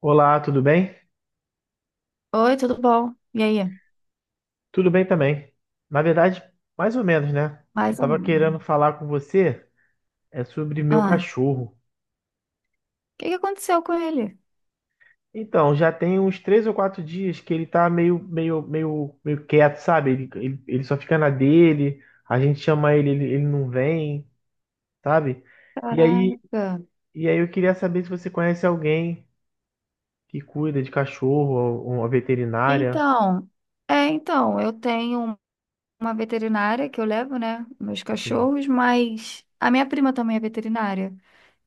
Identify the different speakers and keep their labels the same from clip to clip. Speaker 1: Olá, tudo bem?
Speaker 2: Oi, tudo bom? E aí?
Speaker 1: Tudo bem também. Na verdade, mais ou menos, né? O que eu
Speaker 2: Mais ou
Speaker 1: tava querendo
Speaker 2: menos.
Speaker 1: falar com você é sobre meu
Speaker 2: Ah, o
Speaker 1: cachorro.
Speaker 2: que que aconteceu com ele?
Speaker 1: Então, já tem uns 3 ou 4 dias que ele tá meio quieto, sabe? Ele só fica na dele, a gente chama ele, ele não vem, sabe? E aí,
Speaker 2: Caraca.
Speaker 1: e aí eu queria saber se você conhece alguém que cuida de cachorro, ou uma veterinária.
Speaker 2: Então, então, eu tenho uma veterinária que eu levo, né, meus
Speaker 1: Sim.
Speaker 2: cachorros, mas a minha prima também é veterinária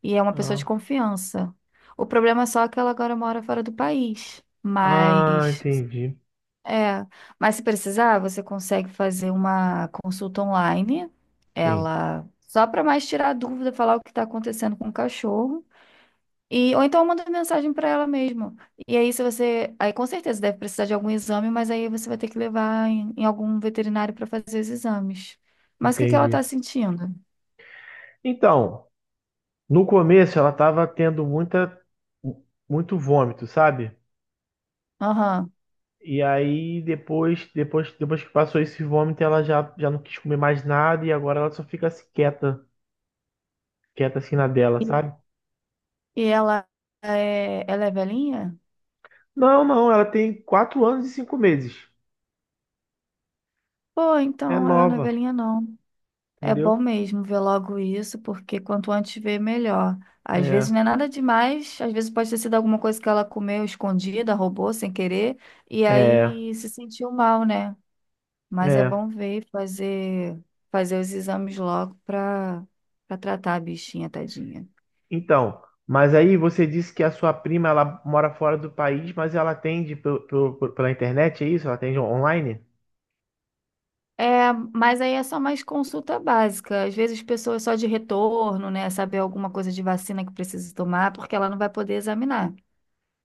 Speaker 2: e é uma pessoa de
Speaker 1: Ah,
Speaker 2: confiança. O problema é só que ela agora mora fora do país,
Speaker 1: ah,
Speaker 2: mas
Speaker 1: entendi.
Speaker 2: é, mas se precisar, você consegue fazer uma consulta online.
Speaker 1: Sim,
Speaker 2: Ela só para mais tirar a dúvida, falar o que está acontecendo com o cachorro. E, ou então manda mensagem para ela mesmo. E aí, se você. Aí, com certeza, deve precisar de algum exame, mas aí você vai ter que levar em algum veterinário para fazer os exames. Mas o que que ela tá
Speaker 1: entendi.
Speaker 2: sentindo?
Speaker 1: Então. No começo ela tava tendo muita muito vômito, sabe?
Speaker 2: Aham.
Speaker 1: E aí depois que passou esse vômito, ela já não quis comer mais nada e agora ela só fica assim, quieta, quieta assim na dela,
Speaker 2: E,
Speaker 1: sabe?
Speaker 2: e ela ela é velhinha?
Speaker 1: Não, não, ela tem 4 anos e 5 meses.
Speaker 2: Pô,
Speaker 1: É
Speaker 2: então ela não é
Speaker 1: nova,
Speaker 2: velhinha, não. É bom
Speaker 1: entendeu?
Speaker 2: mesmo ver logo isso, porque quanto antes ver, melhor. Às vezes
Speaker 1: É,
Speaker 2: não é nada demais, às vezes pode ter sido alguma coisa que ela comeu escondida, roubou sem querer, e
Speaker 1: é,
Speaker 2: aí se sentiu mal, né? Mas é
Speaker 1: é.
Speaker 2: bom ver e fazer, fazer os exames logo para para tratar a bichinha, tadinha.
Speaker 1: Então, mas aí você disse que a sua prima ela mora fora do país, mas ela atende pela internet, é isso? Ela atende online?
Speaker 2: É, mas aí é só mais consulta básica. Às vezes, pessoas só de retorno, né? Saber alguma coisa de vacina que precisa tomar, porque ela não vai poder examinar.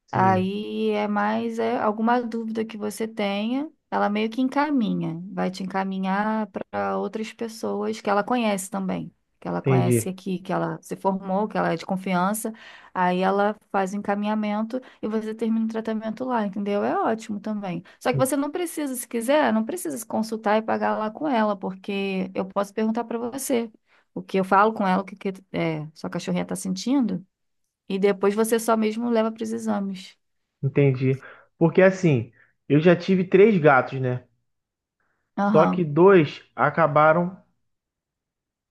Speaker 1: Sim,
Speaker 2: Aí é mais alguma dúvida que você tenha, ela meio que encaminha, vai te encaminhar para outras pessoas que ela conhece também, que ela conhece
Speaker 1: entendi.
Speaker 2: aqui, que ela se formou, que ela é de confiança. Aí ela faz o encaminhamento e você termina o tratamento lá, entendeu? É ótimo também. Só que você não precisa, se quiser, não precisa se consultar e pagar lá com ela, porque eu posso perguntar para você o que eu falo com ela, o que, que é, sua cachorrinha está sentindo, e depois você só mesmo leva para os exames.
Speaker 1: Entendi. Porque assim, eu já tive 3 gatos, né? Só que
Speaker 2: Aham,
Speaker 1: dois acabaram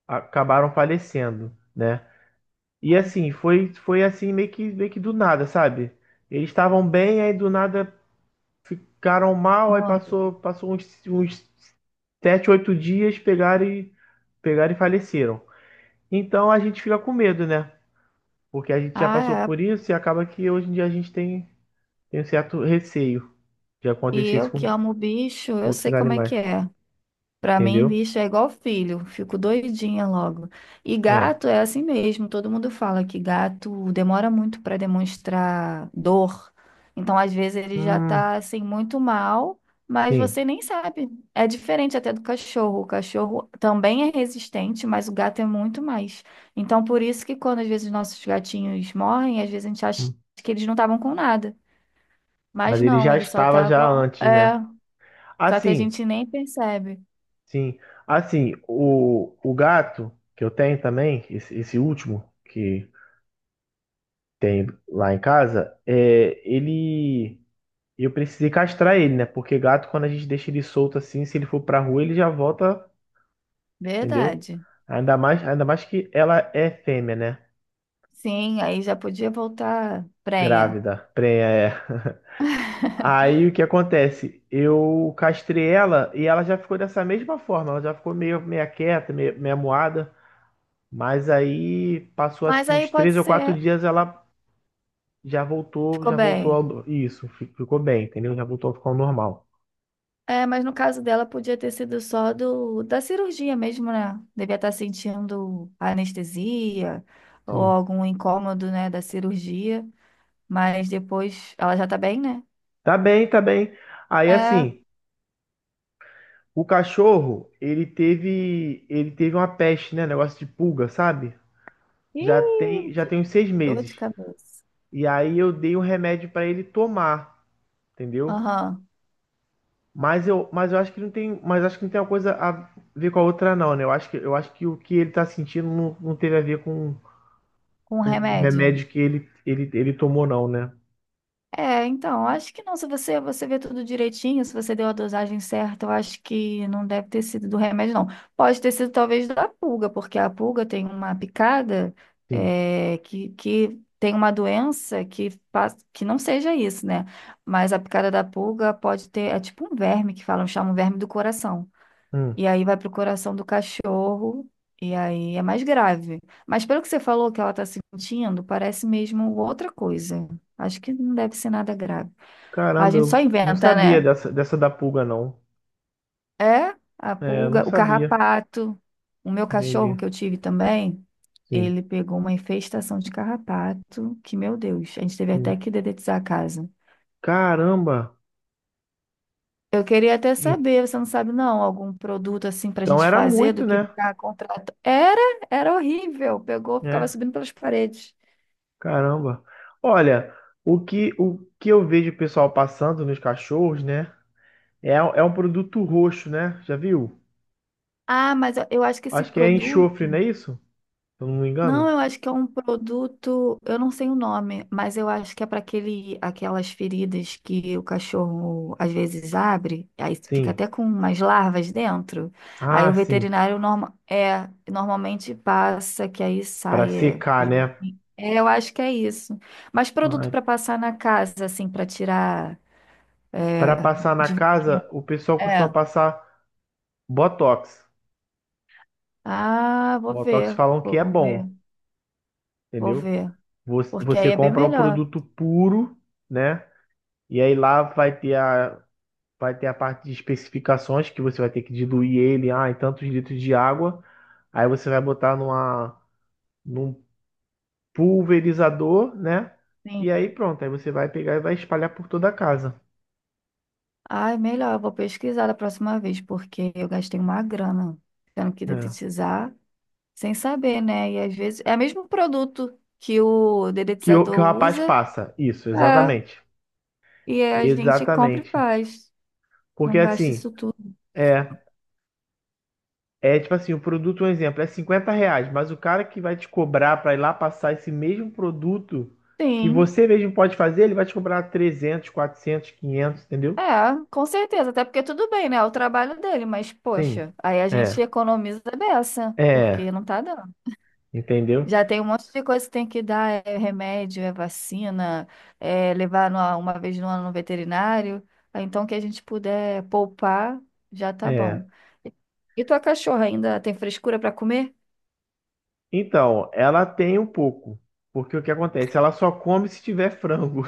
Speaker 1: acabaram falecendo, né? E assim, foi assim meio que do nada, sabe? Eles estavam bem, aí do nada ficaram mal, aí passou
Speaker 2: morreu.
Speaker 1: passou uns 7, 8 dias, pegaram e faleceram. Então a gente fica com medo, né? Porque a gente já passou
Speaker 2: Ah, é.
Speaker 1: por isso e acaba que hoje em dia a gente tem, tem um certo receio de
Speaker 2: E
Speaker 1: acontecer
Speaker 2: eu
Speaker 1: isso
Speaker 2: que
Speaker 1: com
Speaker 2: amo bicho, eu sei
Speaker 1: outros
Speaker 2: como é
Speaker 1: animais,
Speaker 2: que é. Pra mim,
Speaker 1: entendeu?
Speaker 2: bicho é igual filho, fico doidinha logo. E
Speaker 1: É.
Speaker 2: gato é assim mesmo, todo mundo fala que gato demora muito pra demonstrar dor. Então, às vezes, ele já
Speaker 1: Hum,
Speaker 2: tá assim muito mal, mas
Speaker 1: sim.
Speaker 2: você nem sabe. É diferente até do cachorro. O cachorro também é resistente, mas o gato é muito mais. Então, por isso que quando às vezes nossos gatinhos morrem, às vezes a gente acha
Speaker 1: Hum.
Speaker 2: que eles não estavam com nada.
Speaker 1: Mas
Speaker 2: Mas
Speaker 1: ele
Speaker 2: não,
Speaker 1: já
Speaker 2: eles só
Speaker 1: estava já
Speaker 2: estavam.
Speaker 1: antes,
Speaker 2: É,
Speaker 1: né?
Speaker 2: só que a
Speaker 1: Assim,
Speaker 2: gente nem percebe.
Speaker 1: sim. Assim, o gato que eu tenho também, esse último que tem lá em casa, é, ele. Eu precisei castrar ele, né? Porque gato, quando a gente deixa ele solto assim, se ele for pra rua, ele já volta, entendeu?
Speaker 2: Verdade.
Speaker 1: Ainda mais que ela é fêmea, né?
Speaker 2: Sim, aí já podia voltar prenha.
Speaker 1: Grávida, prenha, é. Aí o que acontece? Eu castrei ela e ela já ficou dessa mesma forma, ela já ficou meio meia quieta, meio, meia moada, mas aí passou
Speaker 2: Mas
Speaker 1: assim
Speaker 2: aí
Speaker 1: uns
Speaker 2: pode
Speaker 1: três ou quatro
Speaker 2: ser.
Speaker 1: dias ela já voltou,
Speaker 2: Ficou
Speaker 1: já voltou
Speaker 2: bem.
Speaker 1: ao Isso, ficou bem, entendeu? Já voltou a ficar ao normal.
Speaker 2: É, mas no caso dela podia ter sido só do da cirurgia mesmo, né? Devia estar sentindo anestesia ou
Speaker 1: Sim.
Speaker 2: algum incômodo, né, da cirurgia. Mas depois ela já tá bem, né?
Speaker 1: Tá bem, tá bem. Aí
Speaker 2: É.
Speaker 1: assim, o cachorro, ele teve uma peste, né, negócio de pulga, sabe?
Speaker 2: Ih,
Speaker 1: Já
Speaker 2: que
Speaker 1: tem uns seis
Speaker 2: dor de
Speaker 1: meses.
Speaker 2: cabeça.
Speaker 1: E aí eu dei um remédio pra ele tomar, entendeu?
Speaker 2: Aham.
Speaker 1: Mas eu acho que não tem, mas acho que não tem uma coisa a ver com a outra não, né? Eu acho que o que ele tá sentindo não, não teve a ver com
Speaker 2: Com
Speaker 1: o
Speaker 2: remédio.
Speaker 1: remédio que ele tomou não, né?
Speaker 2: É, então, acho que não. Se você, você vê tudo direitinho, se você deu a dosagem certa, eu acho que não deve ter sido do remédio, não. Pode ter sido talvez da pulga, porque a pulga tem uma picada
Speaker 1: Sim.
Speaker 2: que tem uma doença que faz, que não seja isso, né? Mas a picada da pulga pode ter, é tipo um verme que falam, chamam verme do coração.
Speaker 1: Hum.
Speaker 2: E aí vai pro coração do cachorro, e aí é mais grave. Mas pelo que você falou que ela está sentindo, parece mesmo outra coisa. Acho que não deve ser nada grave. A
Speaker 1: Caramba,
Speaker 2: gente só
Speaker 1: eu não
Speaker 2: inventa,
Speaker 1: sabia
Speaker 2: né?
Speaker 1: dessa da pulga não.
Speaker 2: É a
Speaker 1: É, eu não
Speaker 2: pulga, o
Speaker 1: sabia.
Speaker 2: carrapato. O meu cachorro
Speaker 1: Entendi.
Speaker 2: que eu tive também,
Speaker 1: Sim.
Speaker 2: ele pegou uma infestação de carrapato, que, meu Deus, a gente teve
Speaker 1: Sim.
Speaker 2: até que dedetizar a casa.
Speaker 1: Caramba.
Speaker 2: Eu queria até
Speaker 1: Então
Speaker 2: saber, você não sabe não, algum produto assim para a gente
Speaker 1: era
Speaker 2: fazer
Speaker 1: muito,
Speaker 2: do que
Speaker 1: né?
Speaker 2: ficar contrato. Era, era horrível. Pegou, ficava
Speaker 1: É.
Speaker 2: subindo pelas paredes.
Speaker 1: Caramba. Olha, o que eu vejo o pessoal passando nos cachorros, né? É, é um produto roxo, né? Já viu?
Speaker 2: Ah, eu acho que esse
Speaker 1: Acho que é enxofre, não
Speaker 2: produto.
Speaker 1: é isso? Se eu não me
Speaker 2: Não,
Speaker 1: engano.
Speaker 2: eu acho que é um produto, eu não sei o nome, mas eu acho que é para aquele, aquelas feridas que o cachorro às vezes abre, aí fica
Speaker 1: Sim.
Speaker 2: até com umas larvas dentro. Aí
Speaker 1: Ah,
Speaker 2: o
Speaker 1: sim.
Speaker 2: veterinário normalmente passa, que aí
Speaker 1: Para
Speaker 2: sai.
Speaker 1: secar, né?
Speaker 2: Eu acho que é isso. Mas produto para passar na casa, assim, para tirar
Speaker 1: Para
Speaker 2: é,
Speaker 1: passar na
Speaker 2: de veneno.
Speaker 1: casa, o pessoal costuma
Speaker 2: É.
Speaker 1: passar Botox.
Speaker 2: Ah, vou
Speaker 1: Botox
Speaker 2: ver,
Speaker 1: falam que é
Speaker 2: vou ver,
Speaker 1: bom,
Speaker 2: vou
Speaker 1: entendeu?
Speaker 2: ver. Porque aí
Speaker 1: Você
Speaker 2: é bem
Speaker 1: compra um
Speaker 2: melhor.
Speaker 1: produto puro, né? E aí lá vai ter vai ter a parte de especificações que você vai ter que diluir ele, em tantos litros de água. Aí você vai botar num pulverizador, né? E
Speaker 2: Sim.
Speaker 1: aí pronto, aí você vai pegar e vai espalhar por toda a casa.
Speaker 2: Ai, melhor, eu vou pesquisar da próxima vez, porque eu gastei uma grana tendo que
Speaker 1: É.
Speaker 2: dedetizar sem saber, né? E às vezes é o mesmo produto que o
Speaker 1: Que
Speaker 2: dedetizador
Speaker 1: o rapaz
Speaker 2: usa,
Speaker 1: passa. Isso,
Speaker 2: é,
Speaker 1: exatamente.
Speaker 2: e aí a gente compra e
Speaker 1: Exatamente.
Speaker 2: faz.
Speaker 1: Porque
Speaker 2: Não gasta
Speaker 1: assim,
Speaker 2: isso tudo.
Speaker 1: é, é tipo assim, o produto, um exemplo, é R$ 50, mas o cara que vai te cobrar para ir lá passar esse mesmo produto que
Speaker 2: Sim,
Speaker 1: você mesmo pode fazer, ele vai te cobrar 300, 400, 500 entendeu?
Speaker 2: é, com certeza, até porque tudo bem, né? É o trabalho dele, mas
Speaker 1: Sim.
Speaker 2: poxa, aí a gente
Speaker 1: É.
Speaker 2: economiza a beça,
Speaker 1: É.
Speaker 2: porque não tá dando.
Speaker 1: Entendeu?
Speaker 2: Já tem um monte de coisa que tem que dar, é remédio, é vacina, é levar numa- uma vez no ano no veterinário. Ah, então, que a gente puder poupar, já tá
Speaker 1: É.
Speaker 2: bom. E e tua cachorra ainda tem frescura para comer?
Speaker 1: Então, ela tem um pouco. Porque o que acontece? Ela só come se tiver frango.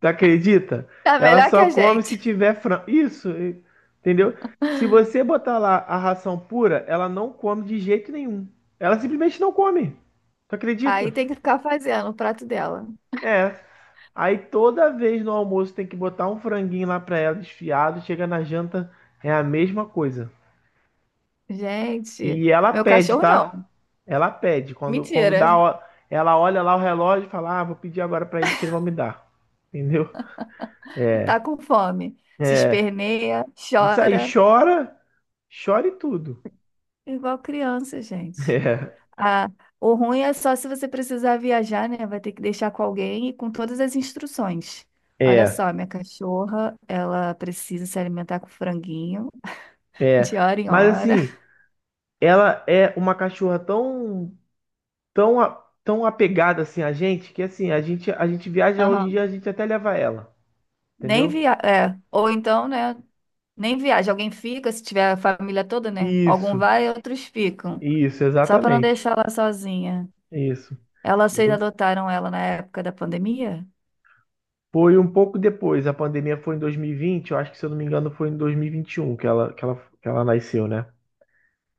Speaker 1: Tu acredita?
Speaker 2: Tá
Speaker 1: Ela
Speaker 2: melhor que
Speaker 1: só
Speaker 2: a
Speaker 1: come se
Speaker 2: gente.
Speaker 1: tiver frango. Isso, entendeu? Se você botar lá a ração pura, ela não come de jeito nenhum. Ela simplesmente não come. Tu acredita?
Speaker 2: Aí tem que ficar fazendo o prato dela.
Speaker 1: É. Aí toda vez no almoço tem que botar um franguinho lá pra ela desfiado. Chega na janta, é a mesma coisa.
Speaker 2: Gente,
Speaker 1: E ela
Speaker 2: meu
Speaker 1: pede,
Speaker 2: cachorro
Speaker 1: tá?
Speaker 2: não.
Speaker 1: Ela pede. Quando dá,
Speaker 2: Mentira.
Speaker 1: ela olha lá o relógio e fala: Ah, vou pedir agora pra eles que eles vão me dar. Entendeu? É,
Speaker 2: Tá com fome. Se
Speaker 1: é.
Speaker 2: esperneia,
Speaker 1: Isso aí,
Speaker 2: chora,
Speaker 1: chora. Chore tudo.
Speaker 2: igual criança, gente. Ah, o ruim é só se você precisar viajar, né? Vai ter que deixar com alguém e com todas as instruções. Olha
Speaker 1: É,
Speaker 2: só, minha cachorra, ela precisa se alimentar com franguinho
Speaker 1: é, é.
Speaker 2: de hora em
Speaker 1: Mas
Speaker 2: hora.
Speaker 1: assim, ela é uma cachorra tão, a- tão apegada assim a gente que assim a gente viaja hoje em dia
Speaker 2: Aham.
Speaker 1: a gente até leva ela,
Speaker 2: Nem
Speaker 1: entendeu?
Speaker 2: via... é, ou então, né? Nem viaja. Alguém fica, se tiver a família toda, né? Algum
Speaker 1: Isso,
Speaker 2: vai e outros ficam.
Speaker 1: isso,
Speaker 2: Só para não
Speaker 1: exatamente,
Speaker 2: deixar ela sozinha.
Speaker 1: isso,
Speaker 2: Ela, vocês
Speaker 1: entendeu?
Speaker 2: adotaram ela na época da pandemia?
Speaker 1: Foi um pouco depois. A pandemia foi em 2020. Eu acho que se eu não me engano foi em 2021 que que ela nasceu, né?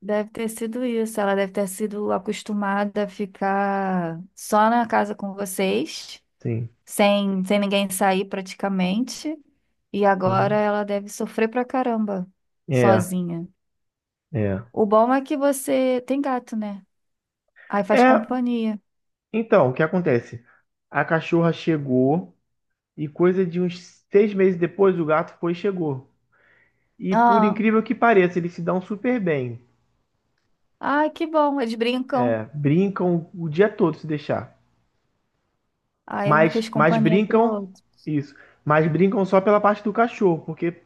Speaker 2: Deve ter sido isso. Ela deve ter sido acostumada a ficar só na casa com vocês,
Speaker 1: Sim.
Speaker 2: sem ninguém sair praticamente. E agora
Speaker 1: Uhum.
Speaker 2: ela deve sofrer pra caramba,
Speaker 1: É,
Speaker 2: sozinha.
Speaker 1: é.
Speaker 2: O bom é que você tem gato, né? Aí faz
Speaker 1: É,
Speaker 2: companhia.
Speaker 1: então, o que acontece? A cachorra chegou. E coisa de uns 6 meses depois, o gato foi e chegou. E por
Speaker 2: Ah,
Speaker 1: incrível que pareça, eles se dão super bem.
Speaker 2: ai, que bom, eles brincam.
Speaker 1: É, brincam o dia todo se deixar.
Speaker 2: Aí um
Speaker 1: Mas,
Speaker 2: fez
Speaker 1: mas
Speaker 2: companhia pro
Speaker 1: brincam,
Speaker 2: outro.
Speaker 1: isso. Mas brincam só pela parte do cachorro, porque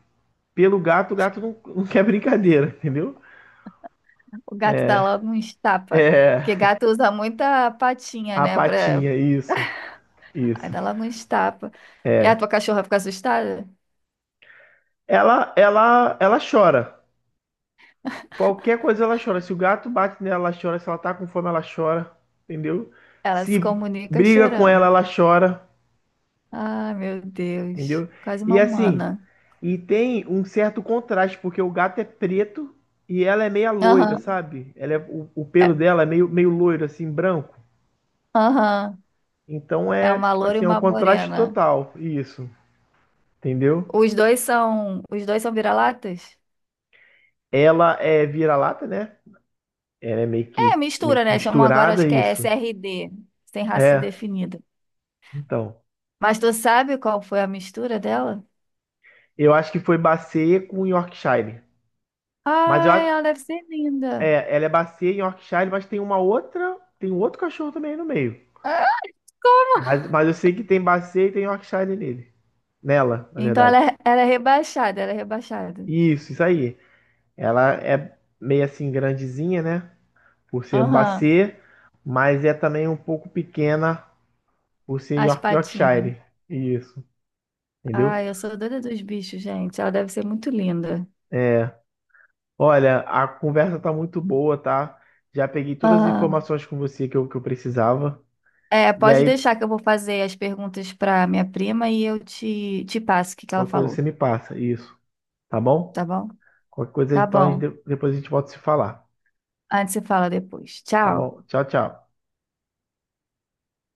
Speaker 1: pelo gato, o gato não quer brincadeira, entendeu?
Speaker 2: O gato dá logo um estapa. Porque gato usa muita patinha,
Speaker 1: A
Speaker 2: né? Pra...
Speaker 1: patinha, isso,
Speaker 2: Aí
Speaker 1: isso.
Speaker 2: dá logo um estapa. E a tua cachorra fica assustada?
Speaker 1: Ela chora. Qualquer coisa ela chora. Se o gato bate nela, ela chora. Se ela tá com fome, ela chora, entendeu?
Speaker 2: Ela se
Speaker 1: Se
Speaker 2: comunica
Speaker 1: briga com ela,
Speaker 2: chorando.
Speaker 1: ela chora,
Speaker 2: Ai, meu Deus.
Speaker 1: entendeu?
Speaker 2: Quase uma
Speaker 1: E assim,
Speaker 2: humana.
Speaker 1: e tem um certo contraste, porque o gato é preto e ela é meia loira,
Speaker 2: Aham.
Speaker 1: sabe? Ela é, o pelo
Speaker 2: É,
Speaker 1: dela é meio, meio loiro, assim, branco.
Speaker 2: aham.
Speaker 1: Então
Speaker 2: É
Speaker 1: é,
Speaker 2: uma
Speaker 1: tipo
Speaker 2: loura e
Speaker 1: assim, é um
Speaker 2: uma
Speaker 1: contraste
Speaker 2: morena.
Speaker 1: total, isso, entendeu?
Speaker 2: Os dois são vira-latas?
Speaker 1: Ela é vira-lata, né? Ela é
Speaker 2: É,
Speaker 1: meio
Speaker 2: mistura,
Speaker 1: que
Speaker 2: né? Chamam agora, acho
Speaker 1: misturada,
Speaker 2: que é
Speaker 1: isso.
Speaker 2: SRD, sem raça
Speaker 1: É,
Speaker 2: definida.
Speaker 1: então.
Speaker 2: Mas tu sabe qual foi a mistura dela?
Speaker 1: Eu acho que foi Bacia com Yorkshire. Mas eu,
Speaker 2: Ai,
Speaker 1: a-
Speaker 2: ela deve ser linda.
Speaker 1: é, ela é Bacia e Yorkshire, mas tem uma outra, tem um outro cachorro também aí no meio.
Speaker 2: Ah,
Speaker 1: Mas eu sei que tem Bacia e tem Yorkshire nele. Nela, na
Speaker 2: então
Speaker 1: verdade.
Speaker 2: ela é rebaixada, ela é rebaixada.
Speaker 1: Isso aí. Ela é meio assim grandezinha, né? Por ser um
Speaker 2: Aham,
Speaker 1: Bassê, mas é também um pouco pequena por ser
Speaker 2: as patinhas.
Speaker 1: Yorkshire. Isso, entendeu?
Speaker 2: Ai, eu sou doida dos bichos, gente. Ela deve ser muito linda.
Speaker 1: É. Olha, a conversa tá muito boa, tá? Já peguei todas as informações com você que que eu precisava.
Speaker 2: É,
Speaker 1: E
Speaker 2: pode
Speaker 1: aí,
Speaker 2: deixar que eu vou fazer as perguntas para minha prima e eu te, te passo o que que ela
Speaker 1: qualquer coisa
Speaker 2: falou,
Speaker 1: você me passa, isso, tá bom?
Speaker 2: tá bom?
Speaker 1: Qualquer coisa,
Speaker 2: Tá
Speaker 1: então,
Speaker 2: bom.
Speaker 1: depois a gente volta a se falar,
Speaker 2: Antes você fala depois.
Speaker 1: tá
Speaker 2: Tchau.
Speaker 1: bom? Tchau, tchau.